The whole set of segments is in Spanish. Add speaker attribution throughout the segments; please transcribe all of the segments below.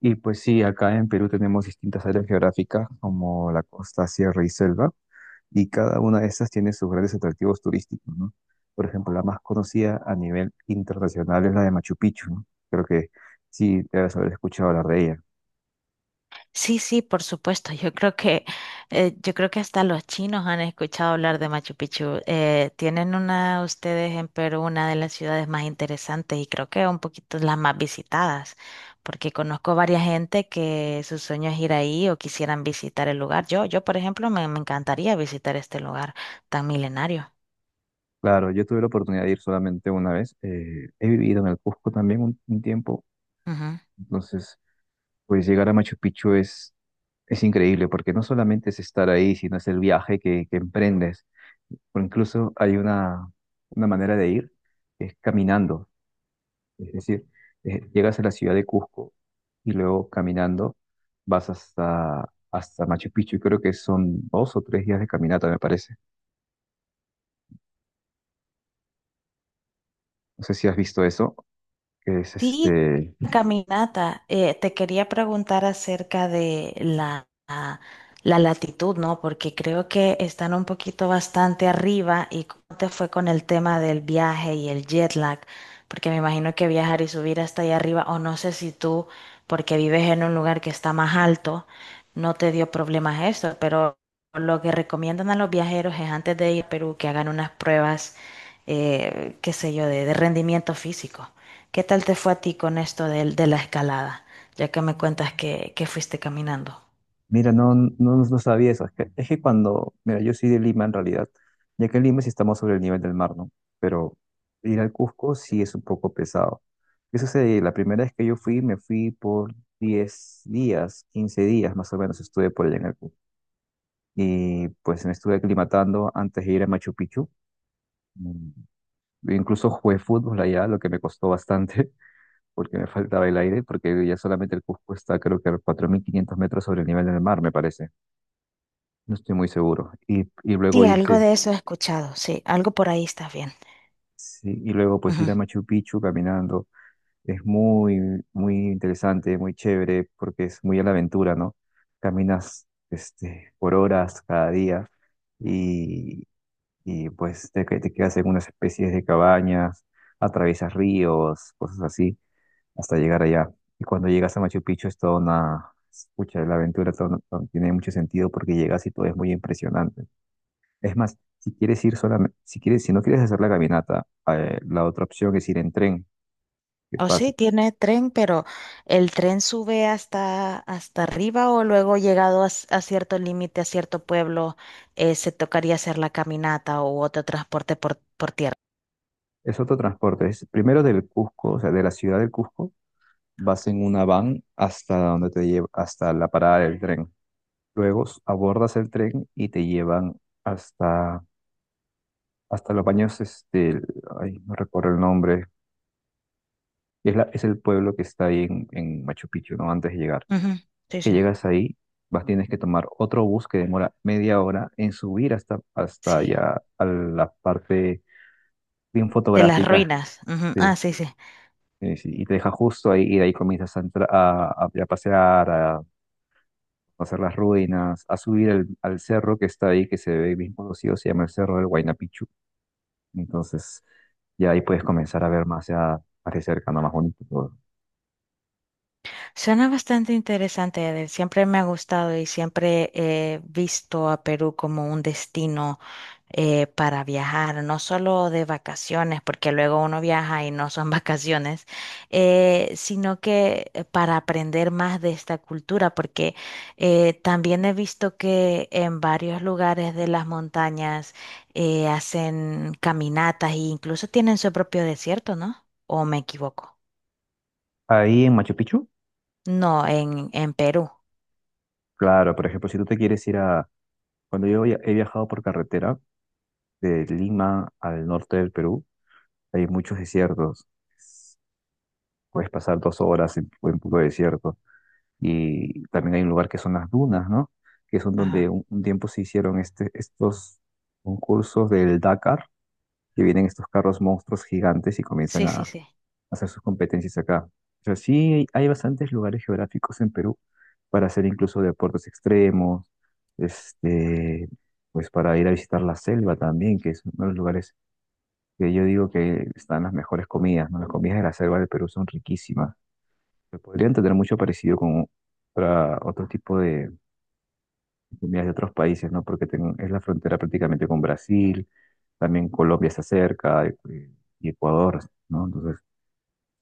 Speaker 1: Y pues sí, acá en Perú tenemos distintas áreas geográficas como la costa, sierra y selva, y cada una de estas tiene sus grandes atractivos turísticos, ¿no? Por ejemplo, la más conocida a nivel internacional es la de Machu Picchu, ¿no? Creo que sí debes haber escuchado hablar de ella.
Speaker 2: Sí, sí, por supuesto. Yo creo que hasta los chinos han escuchado hablar de Machu Picchu. Tienen una, ustedes en Perú, una de las ciudades más interesantes y creo que un poquito las más visitadas, porque conozco varias gente que su sueño es ir ahí o quisieran visitar el lugar. Yo, por ejemplo, me encantaría visitar este lugar tan milenario.
Speaker 1: Claro, yo tuve la oportunidad de ir solamente una vez. He vivido en el Cusco también un tiempo,
Speaker 2: Ujú.
Speaker 1: entonces pues llegar a Machu Picchu es increíble porque no solamente es estar ahí, sino es el viaje que emprendes. O incluso hay una manera de ir, que es caminando. Es decir, llegas a la ciudad de Cusco y luego caminando vas hasta Machu Picchu. Y creo que son 2 o 3 días de caminata, me parece. No sé si has visto eso, que es
Speaker 2: Sí,
Speaker 1: este.
Speaker 2: caminata. Te quería preguntar acerca de la latitud, ¿no? Porque creo que están un poquito bastante arriba y cómo te fue con el tema del viaje y el jet lag, porque me imagino que viajar y subir hasta allá arriba, o no sé si tú, porque vives en un lugar que está más alto, no te dio problemas esto, pero lo que recomiendan a los viajeros es antes de ir a Perú que hagan unas pruebas, qué sé yo, de rendimiento físico. ¿Qué tal te fue a ti con esto de la escalada? Ya que me cuentas que fuiste caminando.
Speaker 1: Mira, no, no, no sabía eso. Es que cuando, mira, yo soy de Lima en realidad, ya que en Lima sí estamos sobre el nivel del mar, ¿no? Pero ir al Cusco sí es un poco pesado. ¿Qué sucede? La primera vez que yo fui, me fui por 10 días, 15 días más o menos estuve por allá en el Cusco. Y pues me estuve aclimatando antes de ir a Machu Picchu. Mm, Incluso jugué fútbol allá, lo que me costó bastante, porque me faltaba el aire, porque ya solamente el Cusco está creo que a 4500 metros sobre el nivel del mar, me parece. No estoy muy seguro. Y luego
Speaker 2: Sí, algo
Speaker 1: irse,
Speaker 2: de eso he escuchado, sí, algo por ahí está bien.
Speaker 1: sí, y luego pues ir
Speaker 2: Ujú.
Speaker 1: a Machu Picchu caminando. Es muy, muy interesante, muy chévere, porque es muy a la aventura, ¿no? Caminas este, por horas cada día y, y pues te quedas en unas especies de cabañas, atraviesas ríos, cosas así, hasta llegar allá. Y cuando llegas a Machu Picchu es toda una, escucha, la aventura tiene mucho sentido porque llegas y todo es muy impresionante. Es más, si quieres ir solamente, si quieres, si no quieres hacer la caminata, la otra opción es ir en tren, que
Speaker 2: O
Speaker 1: pasa.
Speaker 2: sí, tiene tren, pero ¿el tren sube hasta, hasta arriba o luego llegado a, a cierto límite, a cierto pueblo, se tocaría hacer la caminata o otro transporte por tierra?
Speaker 1: Es otro transporte. Es primero del Cusco, o sea, de la ciudad del Cusco, vas en una van hasta donde te lleva, hasta la parada del tren. Luego abordas el tren y te llevan hasta, hasta los baños, este, ay, no recuerdo el nombre. Es es el pueblo que está ahí en Machu Picchu, ¿no? Antes de llegar.
Speaker 2: Ujú. Sí,
Speaker 1: Que
Speaker 2: sí.
Speaker 1: llegas ahí, vas, tienes que tomar otro bus que demora media hora en subir hasta, hasta
Speaker 2: Sí,
Speaker 1: allá a la parte bien
Speaker 2: de las
Speaker 1: fotográfica,
Speaker 2: ruinas. Ujú.
Speaker 1: sí,
Speaker 2: Ah, sí, sí.
Speaker 1: sí, sí, y te deja justo ahí, y de ahí comienzas a pasear, a hacer las ruinas, a subir al cerro que está ahí, que se ve bien conocido, se llama el Cerro del Huayna Picchu. Entonces, ya ahí puedes comenzar a ver más ya, más de cerca, ¿no? Más bonito todo.
Speaker 2: Suena bastante interesante, Edel. Siempre me ha gustado y siempre he visto a Perú como un destino para viajar, no solo de vacaciones, porque luego uno viaja y no son vacaciones, sino que para aprender más de esta cultura, porque también he visto que en varios lugares de las montañas hacen caminatas e incluso tienen su propio desierto, ¿no? ¿O me equivoco?
Speaker 1: Ahí en Machu Picchu,
Speaker 2: No, en Perú.
Speaker 1: claro, por ejemplo, si tú te quieres ir a... Cuando yo he viajado por carretera, de Lima al norte del Perú, hay muchos desiertos. Puedes pasar 2 horas en puro desierto. Y también hay un lugar que son las dunas, ¿no? Que son donde
Speaker 2: Ajá.
Speaker 1: un tiempo se hicieron este, estos concursos del Dakar, que vienen estos carros monstruos gigantes y comienzan
Speaker 2: Sí, sí,
Speaker 1: a
Speaker 2: sí.
Speaker 1: hacer sus competencias acá. O sea, sí hay bastantes lugares geográficos en Perú para hacer incluso deportes extremos, este, pues para ir a visitar la selva también, que es uno de los lugares que yo digo que están las mejores comidas, ¿no? Las comidas de la selva del Perú son riquísimas. Se podrían tener mucho parecido con otro tipo de comidas de otros países, ¿no? Porque es la frontera prácticamente con Brasil, también Colombia está cerca, y Ecuador, ¿no? Entonces,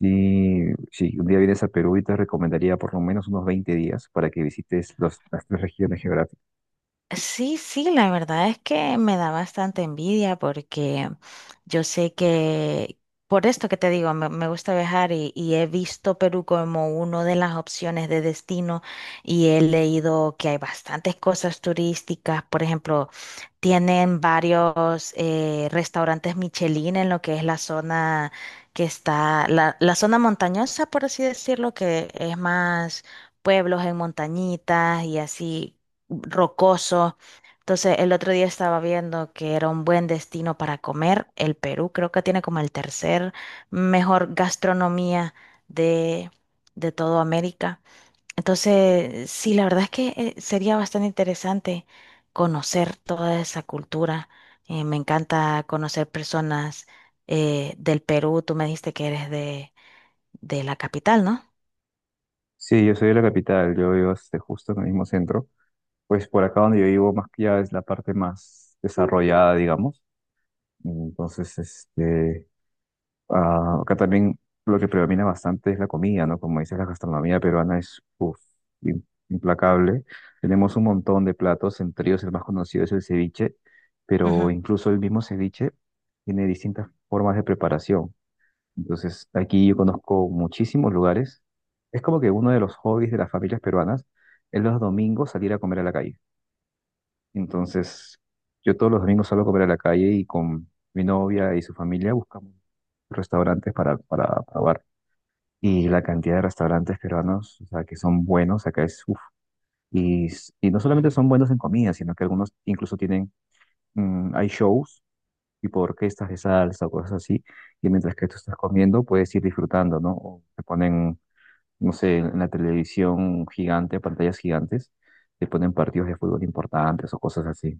Speaker 1: sí, si un día vienes a Perú, y te recomendaría por lo menos unos 20 días para que visites las tres regiones geográficas.
Speaker 2: Sí, sí, la verdad es que me da bastante envidia porque yo sé que, por esto que te digo, me gusta viajar y he visto Perú como una de las opciones de destino y he leído que hay bastantes cosas turísticas, por ejemplo, tienen varios restaurantes Michelin en lo que es la zona que está, la zona montañosa, por así decirlo, que es más pueblos en montañitas y así. Rocoso. Entonces, el otro día estaba viendo que era un buen destino para comer. El Perú creo que tiene como el tercer mejor gastronomía de, de todo América. Entonces, sí, la verdad es que sería bastante interesante conocer toda esa cultura. Me encanta conocer personas del Perú. Tú me dijiste que eres de la capital,
Speaker 1: Sí, yo soy de la capital, yo vivo este, justo en el mismo centro. Pues por acá donde yo vivo, más que ya es la parte más desarrollada, digamos. Entonces, este, ah, acá también lo que predomina bastante es la comida, ¿no? Como dices, la gastronomía peruana es uf, im- implacable. Tenemos un montón de platos, entre ellos el más conocido es el ceviche, pero
Speaker 2: ¿no?
Speaker 1: incluso el mismo ceviche tiene distintas formas de preparación. Entonces, aquí yo conozco muchísimos lugares. Es como que uno de los hobbies de las familias peruanas es los domingos salir a comer a la calle. Entonces, yo todos los domingos salgo a comer a la calle y con mi novia y su familia buscamos restaurantes para probar. Y la cantidad de restaurantes peruanos, o sea, que son buenos, acá es uff. Y, y no solamente son buenos en comida, sino que algunos incluso tienen, mm, hay shows, tipo orquestas de salsa o cosas así, y mientras que tú estás comiendo puedes ir disfrutando, ¿no? O te ponen, no sé, en la televisión gigante, pantallas gigantes, te ponen partidos de fútbol importantes o cosas así.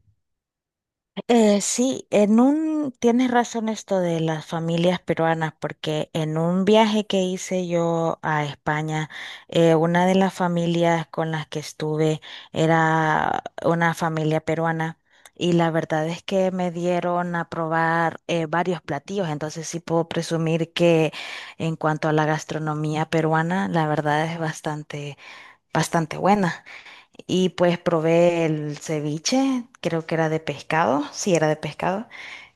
Speaker 2: Sí, en un, tienes razón esto de las familias peruanas, porque en un viaje que hice yo a España, una de las familias con las que estuve era una familia peruana y la verdad es que me dieron a probar varios platillos, entonces sí puedo presumir que en cuanto a la gastronomía peruana, la verdad es bastante buena. Y pues probé el ceviche, creo que era de pescado, sí era de pescado,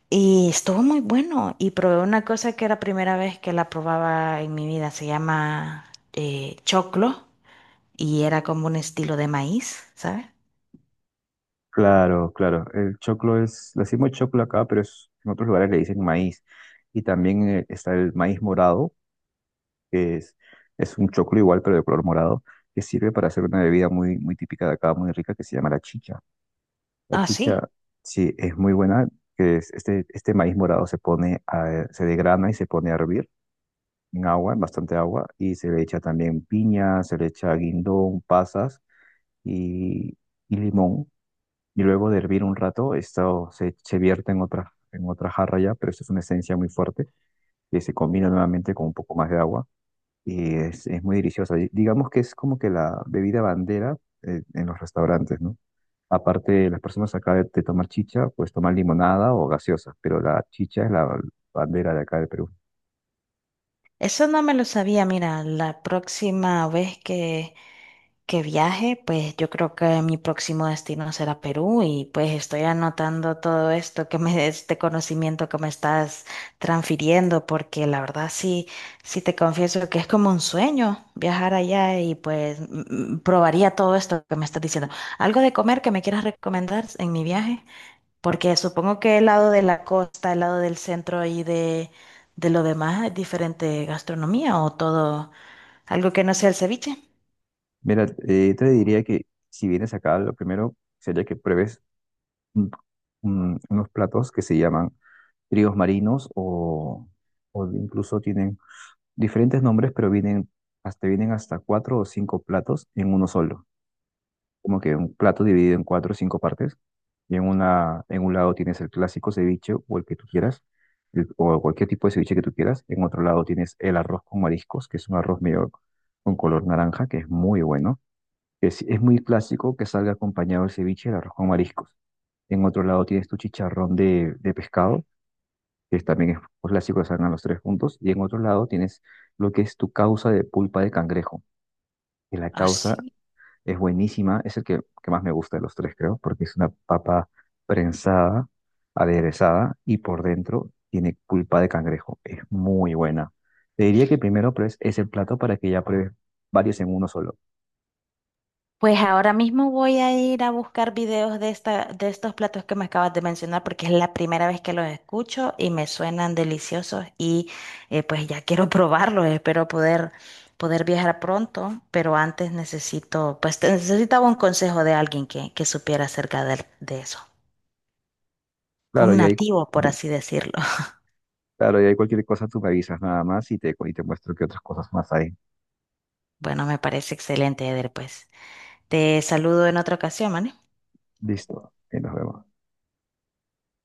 Speaker 2: y estuvo muy bueno. Y probé una cosa que era primera vez que la probaba en mi vida, se llama choclo, y era como un estilo de maíz, ¿sabes?
Speaker 1: Claro, claro. El choclo es, le decimos choclo acá, pero en otros lugares le dicen maíz. Y también está el maíz morado, que es un choclo igual, pero de color morado, que sirve para hacer una bebida muy, muy típica de acá, muy rica, que se llama la chicha. La
Speaker 2: Ah, sí.
Speaker 1: chicha, sí, es muy buena, que es este, este maíz morado se pone a se degrana y se pone a hervir en agua, en bastante agua, y se le echa también piña, se le echa guindón, pasas y, y limón y luego de hervir un rato, esto se, se vierte en otra jarra ya, pero esto es una esencia muy fuerte que se combina nuevamente con un poco más de agua y es muy deliciosa. Y digamos que es como que la bebida bandera en los restaurantes, ¿no? Aparte, las personas acá de tomar chicha, pues toman limonada o gaseosa, pero la chicha es la bandera de acá de Perú.
Speaker 2: Eso no me lo sabía, mira, la próxima vez que viaje, pues yo creo que mi próximo destino será Perú y pues estoy anotando todo esto que me, este conocimiento que me estás transfiriendo, porque la verdad sí, sí te confieso que es como un sueño viajar allá y pues probaría todo esto que me estás diciendo. ¿Algo de comer que me quieras recomendar en mi viaje? Porque supongo que el lado de la costa, el lado del centro y de lo demás es diferente gastronomía o todo, algo que no sea el ceviche.
Speaker 1: Mira, te diría que si vienes acá, lo primero sería que pruebes mm, unos platos que se llaman tríos marinos o incluso tienen diferentes nombres, pero vienen vienen hasta 4 o 5 platos en uno solo. Como que un plato dividido en 4 o 5 partes. Y en un lado tienes el clásico ceviche o el que tú quieras, o cualquier tipo de ceviche que tú quieras. En otro lado tienes el arroz con mariscos, que es un arroz medio con color naranja, que es muy bueno. Es muy clásico que salga acompañado el ceviche, el arroz con mariscos. En otro lado tienes tu chicharrón de pescado, que también es un clásico que salgan los tres juntos. Y en otro lado tienes lo que es tu causa de pulpa de cangrejo. Y la causa
Speaker 2: Así.
Speaker 1: es buenísima, es el que más me gusta de los tres, creo, porque es una papa prensada, aderezada y por dentro tiene pulpa de cangrejo. Es muy buena. Te diría que primero pruebes ese plato para que ya pruebes varios en uno solo.
Speaker 2: Pues ahora mismo voy a ir a buscar videos de esta, de estos platos que me acabas de mencionar porque es la primera vez que los escucho y me suenan deliciosos y pues ya quiero probarlos. Espero poder, poder viajar pronto, pero antes necesito, necesitaba un consejo de alguien que supiera acerca de eso.
Speaker 1: Claro,
Speaker 2: Un
Speaker 1: y ahí,
Speaker 2: nativo, por así decirlo.
Speaker 1: claro, y ahí cualquier cosa tú me avisas nada más y y te muestro qué otras cosas más hay.
Speaker 2: Bueno, me parece excelente, Eder, pues. Te saludo en otra ocasión, ¿vale?
Speaker 1: Listo, y nos vemos.